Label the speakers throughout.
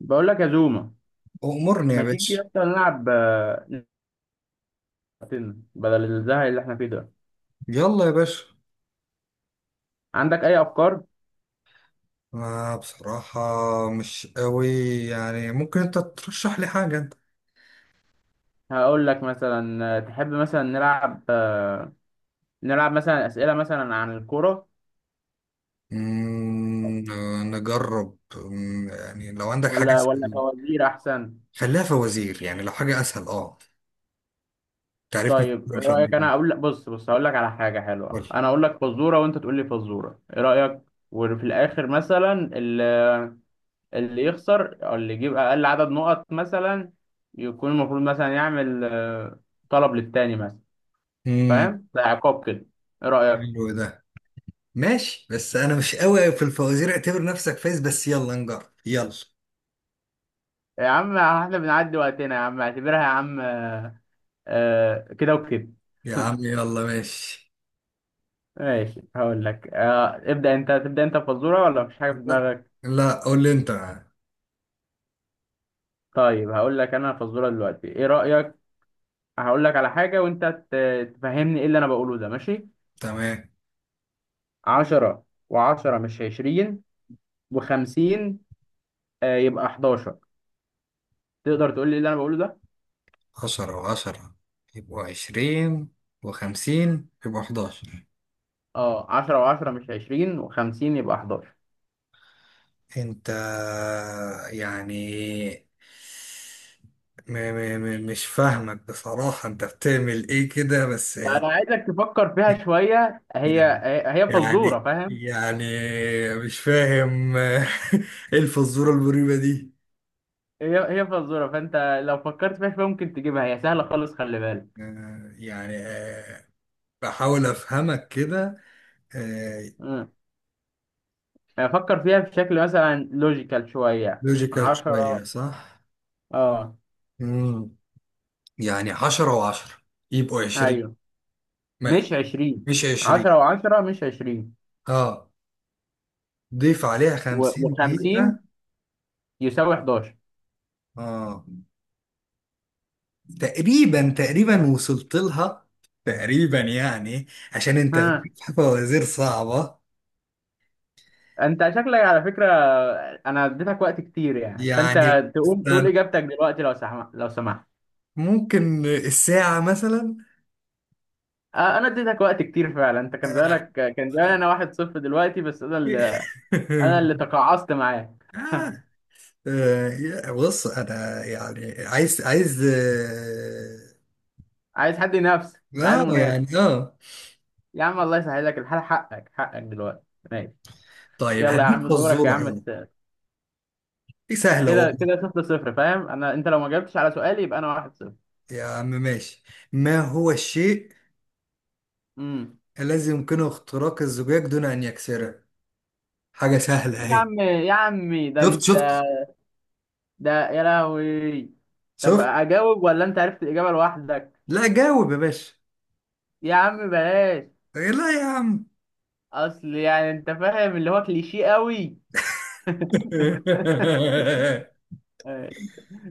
Speaker 1: بقول لك يا زوما.
Speaker 2: أمرني يا
Speaker 1: ما تيجي
Speaker 2: باشا.
Speaker 1: اصلا نلعب نفسنا بدل الزهق اللي احنا فيه ده؟
Speaker 2: يلا يا باشا.
Speaker 1: عندك اي افكار؟
Speaker 2: آه، بصراحة مش قوي، يعني ممكن أنت ترشح لي حاجة أنت.
Speaker 1: هقول لك مثلا، تحب مثلا نلعب، نلعب مثلا اسئله مثلا عن الكوره
Speaker 2: نجرب، يعني لو عندك حاجة
Speaker 1: ولا
Speaker 2: أسهل.
Speaker 1: فوازير احسن؟
Speaker 2: خليها فوازير، يعني لو حاجة أسهل تعرفني في
Speaker 1: طيب
Speaker 2: الكورة
Speaker 1: ايه
Speaker 2: مش قد
Speaker 1: رايك؟
Speaker 2: كده.
Speaker 1: انا اقول لك، بص، هقول لك على حاجه حلوه،
Speaker 2: قول.
Speaker 1: انا اقول لك فزوره وانت تقول لي فزوره، ايه رايك؟ وفي الاخر مثلا اللي يخسر او اللي يجيب اقل عدد نقط مثلا يكون المفروض مثلا يعمل، طلب للتاني مثلا.
Speaker 2: امم.
Speaker 1: فاهم؟ ده عقاب كده. ايه رأيك؟
Speaker 2: حلو ده. ماشي، بس أنا مش قوي في الفوازير. اعتبر نفسك فايز، بس يلا نجرب. يلا
Speaker 1: يا عم احنا بنعدي وقتنا يا عم، اعتبرها يا عم، كده وكده.
Speaker 2: يا عم، يلا ماشي.
Speaker 1: ماشي، هقول لك، ابدأ انت، تبدأ انت بفزورة ولا مفيش حاجة في
Speaker 2: لا
Speaker 1: دماغك؟
Speaker 2: لا، قول لي أنت.
Speaker 1: طيب هقول لك انا فزورة دلوقتي، ايه رأيك؟ هقول لك على حاجة وانت تفهمني ايه اللي انا بقوله ده، ماشي؟
Speaker 2: تمام.
Speaker 1: عشرة وعشرة مش عشرين وخمسين، يبقى حداشر. تقدر تقول لي إيه اللي انا بقوله ده؟
Speaker 2: 10 و10 يبقوا 20 و50 يبقوا 11
Speaker 1: اه، عشرة وعشرة مش عشرين وخمسين يبقى حداشر.
Speaker 2: انت يعني، م م م مش فاهمك بصراحة، انت بتعمل ايه كده بس
Speaker 1: فانا
Speaker 2: يعني.
Speaker 1: عايزك تفكر فيها شويه، هي فزوره،
Speaker 2: يعني
Speaker 1: فاهم؟
Speaker 2: يعني مش فاهم ايه الفزورة المريبة دي؟
Speaker 1: هي فزوره، فانت لو فكرت فيها شويه ممكن تجيبها، هي سهله خالص، خلي بالك.
Speaker 2: يعني، بحاول افهمك كده.
Speaker 1: امم فكر فيها بشكل مثلا لوجيكال شويه.
Speaker 2: لوجيكال شوية،
Speaker 1: عشرة.
Speaker 2: صح؟
Speaker 1: اه.
Speaker 2: مم. يعني 10 و10 يبقوا 20.
Speaker 1: ايوه.
Speaker 2: ما،
Speaker 1: مش عشرين.
Speaker 2: مش عشرين.
Speaker 1: عشرة وعشرة مش عشرين
Speaker 2: اه، ضيف عليها خمسين
Speaker 1: وخمسين
Speaker 2: دقيقة
Speaker 1: يساوي حداشر.
Speaker 2: اه، تقريبا تقريبا وصلت لها، تقريبا يعني، عشان انت
Speaker 1: ها،
Speaker 2: بتجيب فوازير صعبة.
Speaker 1: انت شكلك على فكره. انا اديتك وقت كتير يعني،
Speaker 2: يعني
Speaker 1: فانت تقوم تقول
Speaker 2: مثلاً،
Speaker 1: اجابتك دلوقتي لو سمحت، لو سمحت.
Speaker 2: ممكن الساعة مثلا.
Speaker 1: انا اديتك وقت كتير فعلا، انت كان
Speaker 2: آه.
Speaker 1: زمانك كان زمان انا واحد صفر دلوقتي، بس انا اللي تقاعست معاه.
Speaker 2: آه. آه، بص انا يعني، عايز
Speaker 1: عايز حد ينافس، انت عايز
Speaker 2: آه، يعني
Speaker 1: منافس. يا عم الله يسهلك الحال، حقك دلوقتي ماشي.
Speaker 2: طيب
Speaker 1: يلا يا
Speaker 2: هديك
Speaker 1: عم دورك يا
Speaker 2: فزورة
Speaker 1: عم.
Speaker 2: حلوة. دي سهلة
Speaker 1: كده
Speaker 2: والله.
Speaker 1: كده، صفر صفر، فاهم انا؟ انت لو ما جاوبتش على سؤالي يبقى انا واحد صفر.
Speaker 2: يا عم ماشي. ما هو الشيء
Speaker 1: امم
Speaker 2: الذي يمكنه اختراق الزجاج دون أن يكسره؟ حاجة سهلة
Speaker 1: يا
Speaker 2: أهي.
Speaker 1: عم يا عمي ده
Speaker 2: شفت
Speaker 1: انت!
Speaker 2: شفت.
Speaker 1: ده يا لهوي. طب
Speaker 2: شفت؟
Speaker 1: اجاوب ولا انت عرفت الاجابه لوحدك؟
Speaker 2: لا، جاوب يا باشا.
Speaker 1: يا عم بلاش،
Speaker 2: إيه، لا يا عم.
Speaker 1: اصل يعني انت فاهم اللي هو كليشيه قوي.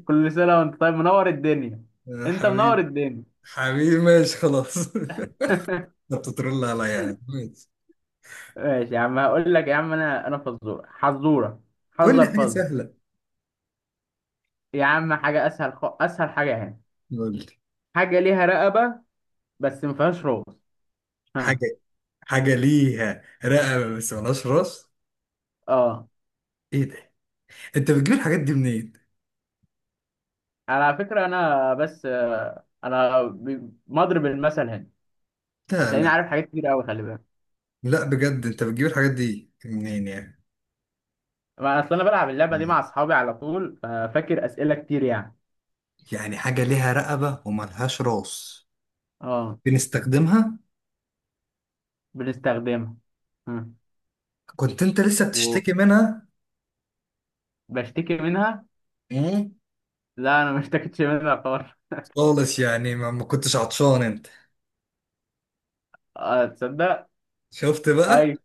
Speaker 1: كل سنة وانت طيب، منور الدنيا.
Speaker 2: يا
Speaker 1: انت منور
Speaker 2: حبيبي.
Speaker 1: الدنيا.
Speaker 2: حبيبي ماشي خلاص. انت بتترول عليا يعني، ماشي.
Speaker 1: ماشي يا عم، هقول لك يا عم، انا فزورة حزورة
Speaker 2: قول لي
Speaker 1: حذر
Speaker 2: حاجة
Speaker 1: فز.
Speaker 2: سهلة.
Speaker 1: يا عم حاجة اسهل، اسهل حاجة هنا.
Speaker 2: قول لي.
Speaker 1: حاجة ليها رقبة بس ما فيهاش راس. ها؟
Speaker 2: حاجة حاجة ليها رقبة بس ملهاش راس.
Speaker 1: اه.
Speaker 2: ايه ده؟ انت بتجيب الحاجات دي منين؟
Speaker 1: على فكرة انا بس، انا مضرب المثل هنا،
Speaker 2: لا
Speaker 1: هتلاقيني
Speaker 2: لا
Speaker 1: عارف حاجات كتير قوي، خلي بالك.
Speaker 2: لا، بجد انت بتجيب الحاجات دي منين يعني؟
Speaker 1: ما اصل انا بلعب اللعبة دي مع
Speaker 2: مم.
Speaker 1: اصحابي على طول، ففاكر اسئلة كتير يعني.
Speaker 2: يعني حاجة ليها رقبة وملهاش راس.
Speaker 1: اه.
Speaker 2: بنستخدمها.
Speaker 1: بنستخدمها. ها.
Speaker 2: كنت انت لسه بتشتكي منها.
Speaker 1: وبشتكي منها.
Speaker 2: مم.
Speaker 1: لا، انا ما اشتكيتش منها خالص.
Speaker 2: خالص يعني، ما كنتش عطشان انت؟
Speaker 1: اه تصدق.
Speaker 2: شفت بقى.
Speaker 1: اي.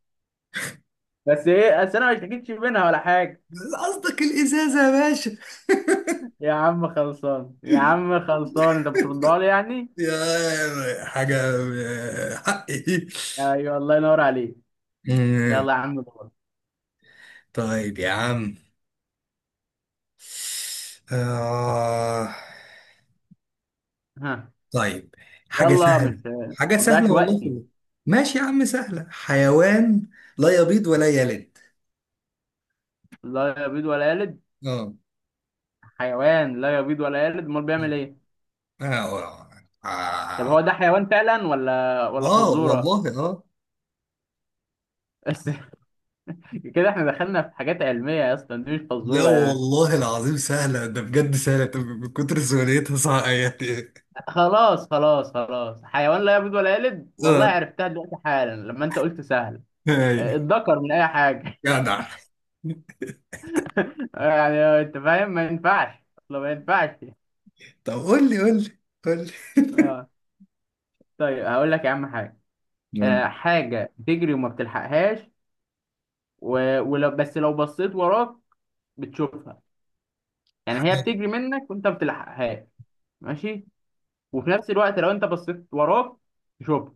Speaker 1: بس ايه، بس انا ما اشتكيتش منها ولا حاجه.
Speaker 2: قصدك الازازة يا باشا.
Speaker 1: يا عم خلصان، يا عم خلصان، انت بتردها لي يعني.
Speaker 2: يا حاجة، حقي.
Speaker 1: ايوه الله ينور عليك.
Speaker 2: مم.
Speaker 1: يلا يا عم دور.
Speaker 2: طيب يا عم. آه.
Speaker 1: ها.
Speaker 2: طيب. حاجة
Speaker 1: يلا
Speaker 2: سهلة.
Speaker 1: مش ما
Speaker 2: حاجة
Speaker 1: تضيعش
Speaker 2: سهلة والله في
Speaker 1: وقتي.
Speaker 2: الله. ماشي يا عم، سهلة: حيوان لا يبيض ولا يلد.
Speaker 1: لا يبيض ولا يلد.
Speaker 2: اه.
Speaker 1: حيوان لا يبيض ولا يلد، امال
Speaker 2: آه.
Speaker 1: بيعمل ايه؟
Speaker 2: آه.
Speaker 1: طب
Speaker 2: آه.
Speaker 1: هو ده حيوان فعلا ولا
Speaker 2: آه،
Speaker 1: فزوره؟
Speaker 2: والله آه.
Speaker 1: بس كده احنا دخلنا في حاجات علميه يا اسطى، دي مش
Speaker 2: لا
Speaker 1: فزوره يعني.
Speaker 2: والله العظيم سهلة، ده بجد سهلة، طب من كتر سهولتها صعبة يعني.
Speaker 1: خلاص، حيوان لا يبيض ولا يلد، والله
Speaker 2: آه.
Speaker 1: عرفتها دلوقتي حالا لما انت قلت سهل.
Speaker 2: أيوة.
Speaker 1: اتذكر من اي حاجه
Speaker 2: جدع.
Speaker 1: يعني انت فاهم، ما ينفعش اصلا، ما ينفعش.
Speaker 2: طب قول لي، قول لي. قول لي،
Speaker 1: اه. طيب هقول لك يا عم حاجه.
Speaker 2: قول
Speaker 1: آه، حاجه بتجري وما بتلحقهاش. ولو بس لو بصيت وراك بتشوفها. يعني هي
Speaker 2: لي.
Speaker 1: بتجري منك وانت ما بتلحقهاش، ماشي؟ وفي نفس الوقت لو انت بصيت وراك تشوفها.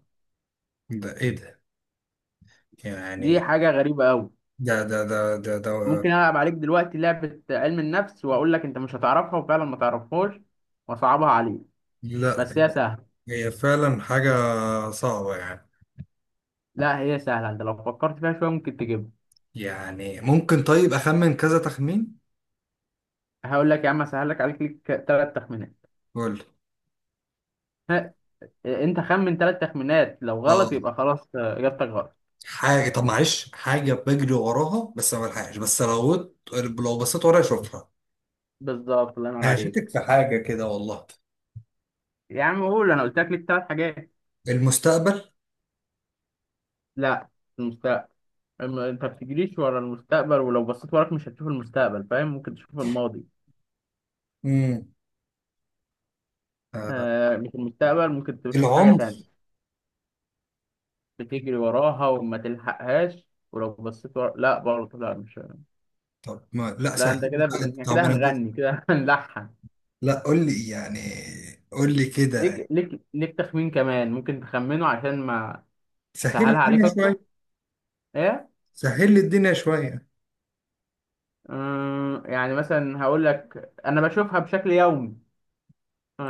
Speaker 2: ده إيه ده؟
Speaker 1: دي
Speaker 2: يعني.
Speaker 1: حاجه غريبه قوي.
Speaker 2: ده.
Speaker 1: ممكن العب عليك دلوقتي لعبه علم النفس واقول لك انت مش هتعرفها وفعلا ما تعرفهاش واصعبها عليك،
Speaker 2: لا،
Speaker 1: بس هي سهله.
Speaker 2: هي فعلا حاجة صعبة يعني.
Speaker 1: لا هي سهله، انت لو فكرت فيها شويه ممكن تجيبها.
Speaker 2: يعني ممكن طيب أخمن كذا تخمين؟
Speaker 1: هقول لك يا عم، اسهل لك، عليك ليك ثلاث تخمينات.
Speaker 2: قول
Speaker 1: ها، انت خمن ثلاث تخمينات، لو غلط
Speaker 2: لي.
Speaker 1: يبقى خلاص، اجابتك غلط.
Speaker 2: حاجة، طب معلش، حاجة بجري وراها بس ما بلحقش، بس لو بصيت ورايا اشوفها.
Speaker 1: بالظبط الله ينور
Speaker 2: هشتك
Speaker 1: عليك.
Speaker 2: في حاجة كده والله.
Speaker 1: يا عم قول، انا قلت لك ليك ثلاث حاجات.
Speaker 2: المستقبل.
Speaker 1: لا. المستقبل؟ أما انت ما بتجريش ورا المستقبل، ولو بصيت وراك مش هتشوف المستقبل، فاهم؟ ممكن تشوف الماضي.
Speaker 2: امم. آه.
Speaker 1: آه، مش المستقبل، ممكن تشوف حاجة
Speaker 2: العمر.
Speaker 1: تانية. بتجري وراها وما تلحقهاش ولو بصيت ورا، لا برضه، لا مش،
Speaker 2: طب ما لا
Speaker 1: لا
Speaker 2: سهل
Speaker 1: انت
Speaker 2: لي
Speaker 1: كده
Speaker 2: بقى،
Speaker 1: احنا كده
Speaker 2: طب انا
Speaker 1: هنغني كده هنلحن.
Speaker 2: لا قول لي يعني، قول لي كده.
Speaker 1: ليك تخمين كمان ممكن تخمنه عشان ما
Speaker 2: سهل لي
Speaker 1: اسهلها عليك
Speaker 2: الدنيا
Speaker 1: اكتر.
Speaker 2: شوية.
Speaker 1: ايه؟
Speaker 2: سهل لي الدنيا شوية.
Speaker 1: يعني مثلا هقول لك انا بشوفها بشكل يومي. ها،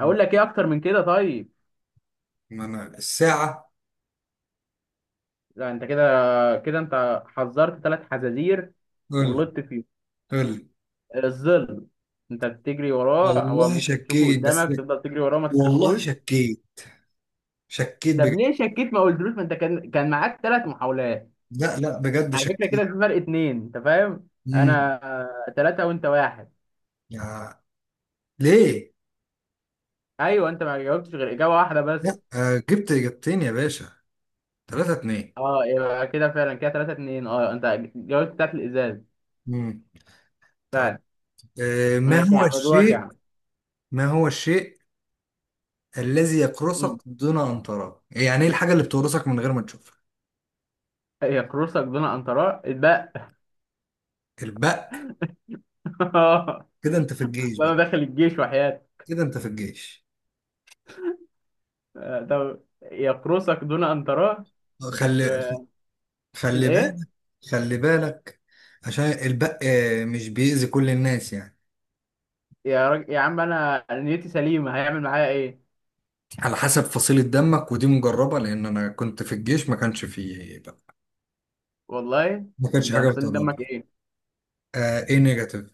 Speaker 2: مم.
Speaker 1: لك ايه اكتر من كده؟ طيب.
Speaker 2: ما انا الساعة.
Speaker 1: لا انت كده، كده انت حذرت ثلاث حزازير
Speaker 2: قول لي،
Speaker 1: وغلطت فيه.
Speaker 2: قول لي.
Speaker 1: الظل. انت بتجري وراه، هو
Speaker 2: والله
Speaker 1: ممكن تشوفه
Speaker 2: شكيت بس.
Speaker 1: قدامك، تفضل تجري وراه ما
Speaker 2: والله
Speaker 1: تلحقهوش.
Speaker 2: شكيت. شكيت
Speaker 1: طب
Speaker 2: بجد.
Speaker 1: ليه شكيت ما قلتلوش؟ ما انت كان معاك ثلاث محاولات.
Speaker 2: لا لا، بجد
Speaker 1: على فكره كده
Speaker 2: شكيت.
Speaker 1: في فرق اتنين، انت فاهم؟
Speaker 2: امم.
Speaker 1: انا ثلاثه وانت واحد.
Speaker 2: ليه؟
Speaker 1: ايوه، انت ما جاوبتش غير اجابه واحده
Speaker 2: لا،
Speaker 1: بس.
Speaker 2: جبت إجابتين يا باشا. 3-2.
Speaker 1: اه، يبقى كده فعلا كده 3-2. اه، انت جاوبت بتاعت الازاز
Speaker 2: مم. طيب.
Speaker 1: فعلا.
Speaker 2: ما
Speaker 1: ماشي يا
Speaker 2: هو
Speaker 1: عم دورك يا
Speaker 2: الشيء،
Speaker 1: عم.
Speaker 2: ما هو الشيء الذي يقرصك
Speaker 1: مم.
Speaker 2: دون أن تراه؟ يعني إيه الحاجة اللي بتقرصك من غير ما تشوفها؟
Speaker 1: هي كروسك دون ان تراه اتبقى.
Speaker 2: البق. كده أنت في الجيش
Speaker 1: اصل انا
Speaker 2: بقى.
Speaker 1: داخل الجيش وحياتي.
Speaker 2: كده أنت في الجيش.
Speaker 1: آه، طب يقرصك دون ان تراه.
Speaker 2: آه،
Speaker 1: مش
Speaker 2: خلي، خلي
Speaker 1: الايه.
Speaker 2: بالك، خلي بالك، عشان البق مش بيأذي كل الناس يعني.
Speaker 1: يا عم انا نيتي سليمه، هيعمل معايا ايه؟
Speaker 2: على حسب فصيلة دمك، ودي مجربة لأن أنا كنت في الجيش ما كانش فيه بق.
Speaker 1: والله.
Speaker 2: ما كانش
Speaker 1: انت
Speaker 2: حاجة
Speaker 1: فصل
Speaker 2: بتقربني.
Speaker 1: دمك ايه؟
Speaker 2: آه، إيه، نيجاتيف؟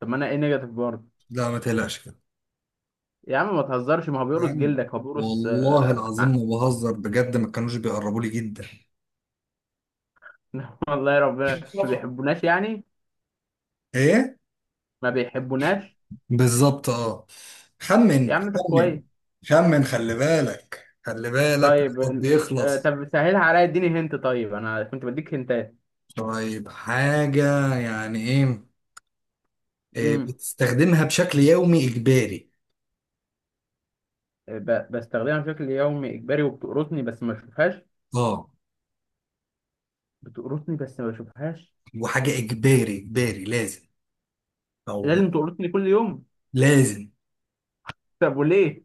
Speaker 1: طب ما انا ايه نيجاتيف برضه.
Speaker 2: لا، ما تقلقش.
Speaker 1: يا عم ما تهزرش، ما هو
Speaker 2: يا
Speaker 1: بيقرص
Speaker 2: عم،
Speaker 1: جلدك، هو بيقرص،
Speaker 2: والله العظيم
Speaker 1: ع-
Speaker 2: ما بهزر بجد، ما كانوش بيقربوا لي جدا.
Speaker 1: والله يا ربنا ما
Speaker 2: مصطفى.
Speaker 1: بيحبوناش يعني.
Speaker 2: ايه.
Speaker 1: ما بيحبوناش.
Speaker 2: بالظبط، اه.
Speaker 1: يا
Speaker 2: خمن
Speaker 1: عم طب
Speaker 2: خمن.
Speaker 1: كويس.
Speaker 2: خمن، خلي بالك، خلي بالك،
Speaker 1: طيب
Speaker 2: وقتك
Speaker 1: ال-
Speaker 2: بيخلص.
Speaker 1: طب سهلها عليا، اديني هنت، طيب انا كنت بديك هنتات.
Speaker 2: طيب، حاجة يعني ايه؟ إيه،
Speaker 1: امم
Speaker 2: بتستخدمها بشكل يومي اجباري.
Speaker 1: بستخدمها بشكل يومي اجباري، وبتقرصني بس ما بشوفهاش.
Speaker 2: اه.
Speaker 1: بتقرصني بس ما بشوفهاش.
Speaker 2: وحاجة اجباري اجباري لازم، او م-
Speaker 1: لازم تقرصني كل يوم.
Speaker 2: لازم.
Speaker 1: طب وليه؟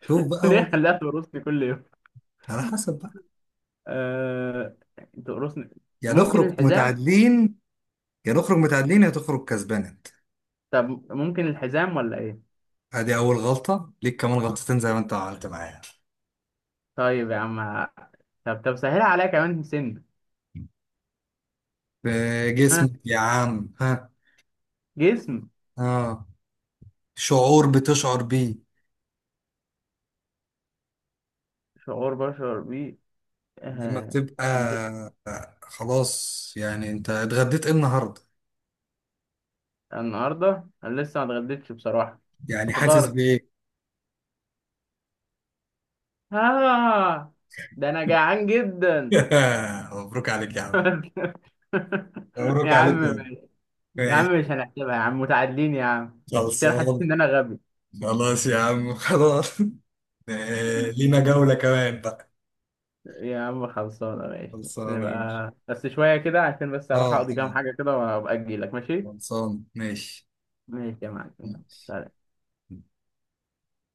Speaker 2: شوف بقى
Speaker 1: ليه
Speaker 2: هو،
Speaker 1: خلاها تقرصني كل يوم؟
Speaker 2: على حسب بقى.
Speaker 1: أه... تقرصني.
Speaker 2: يا
Speaker 1: ممكن
Speaker 2: نخرج
Speaker 1: الحزام.
Speaker 2: متعادلين. يا نخرج متعادلين، يا تخرج كسبان.
Speaker 1: طب ممكن الحزام ولا ايه؟
Speaker 2: ادي اول غلطة ليك، كمان غلطتين زي ما انت عملت معايا.
Speaker 1: طيب يا عم، طب سهلها عليا كمان سن.
Speaker 2: في
Speaker 1: ها.
Speaker 2: جسمك يا عم، ها.
Speaker 1: جسم.
Speaker 2: اه. شعور بتشعر بيه،
Speaker 1: شعور بشعر بيه.
Speaker 2: لما
Speaker 1: أه...
Speaker 2: بتبقى. آه، خلاص يعني، انت اتغديت ايه النهارده؟
Speaker 1: النهارده انا لسه ما اتغديتش بصراحه،
Speaker 2: يعني
Speaker 1: بس
Speaker 2: حاسس
Speaker 1: فطرت.
Speaker 2: بايه؟
Speaker 1: ها. ده انا جعان جدا.
Speaker 2: مبروك عليك يا عم. مبروك
Speaker 1: يا عم
Speaker 2: عليك يا عم.
Speaker 1: ماشي. يا
Speaker 2: ماشي.
Speaker 1: عم مش هنحسبها يا عم، متعادلين يا عم، عشان أنا
Speaker 2: خلصان.
Speaker 1: حسيت ان انا غبي.
Speaker 2: خلاص يا عم، خلاص. لينا جولة كمان بقى.
Speaker 1: يا عم خلصانه، ماشي.
Speaker 2: خلصان يا باشا.
Speaker 1: نبقى بس شويه كده عشان بس
Speaker 2: اه،
Speaker 1: اروح اقضي كام حاجه كده وابقى اجي لك، ماشي.
Speaker 2: خلصان ماشي
Speaker 1: ماشي يا معلم، يلا.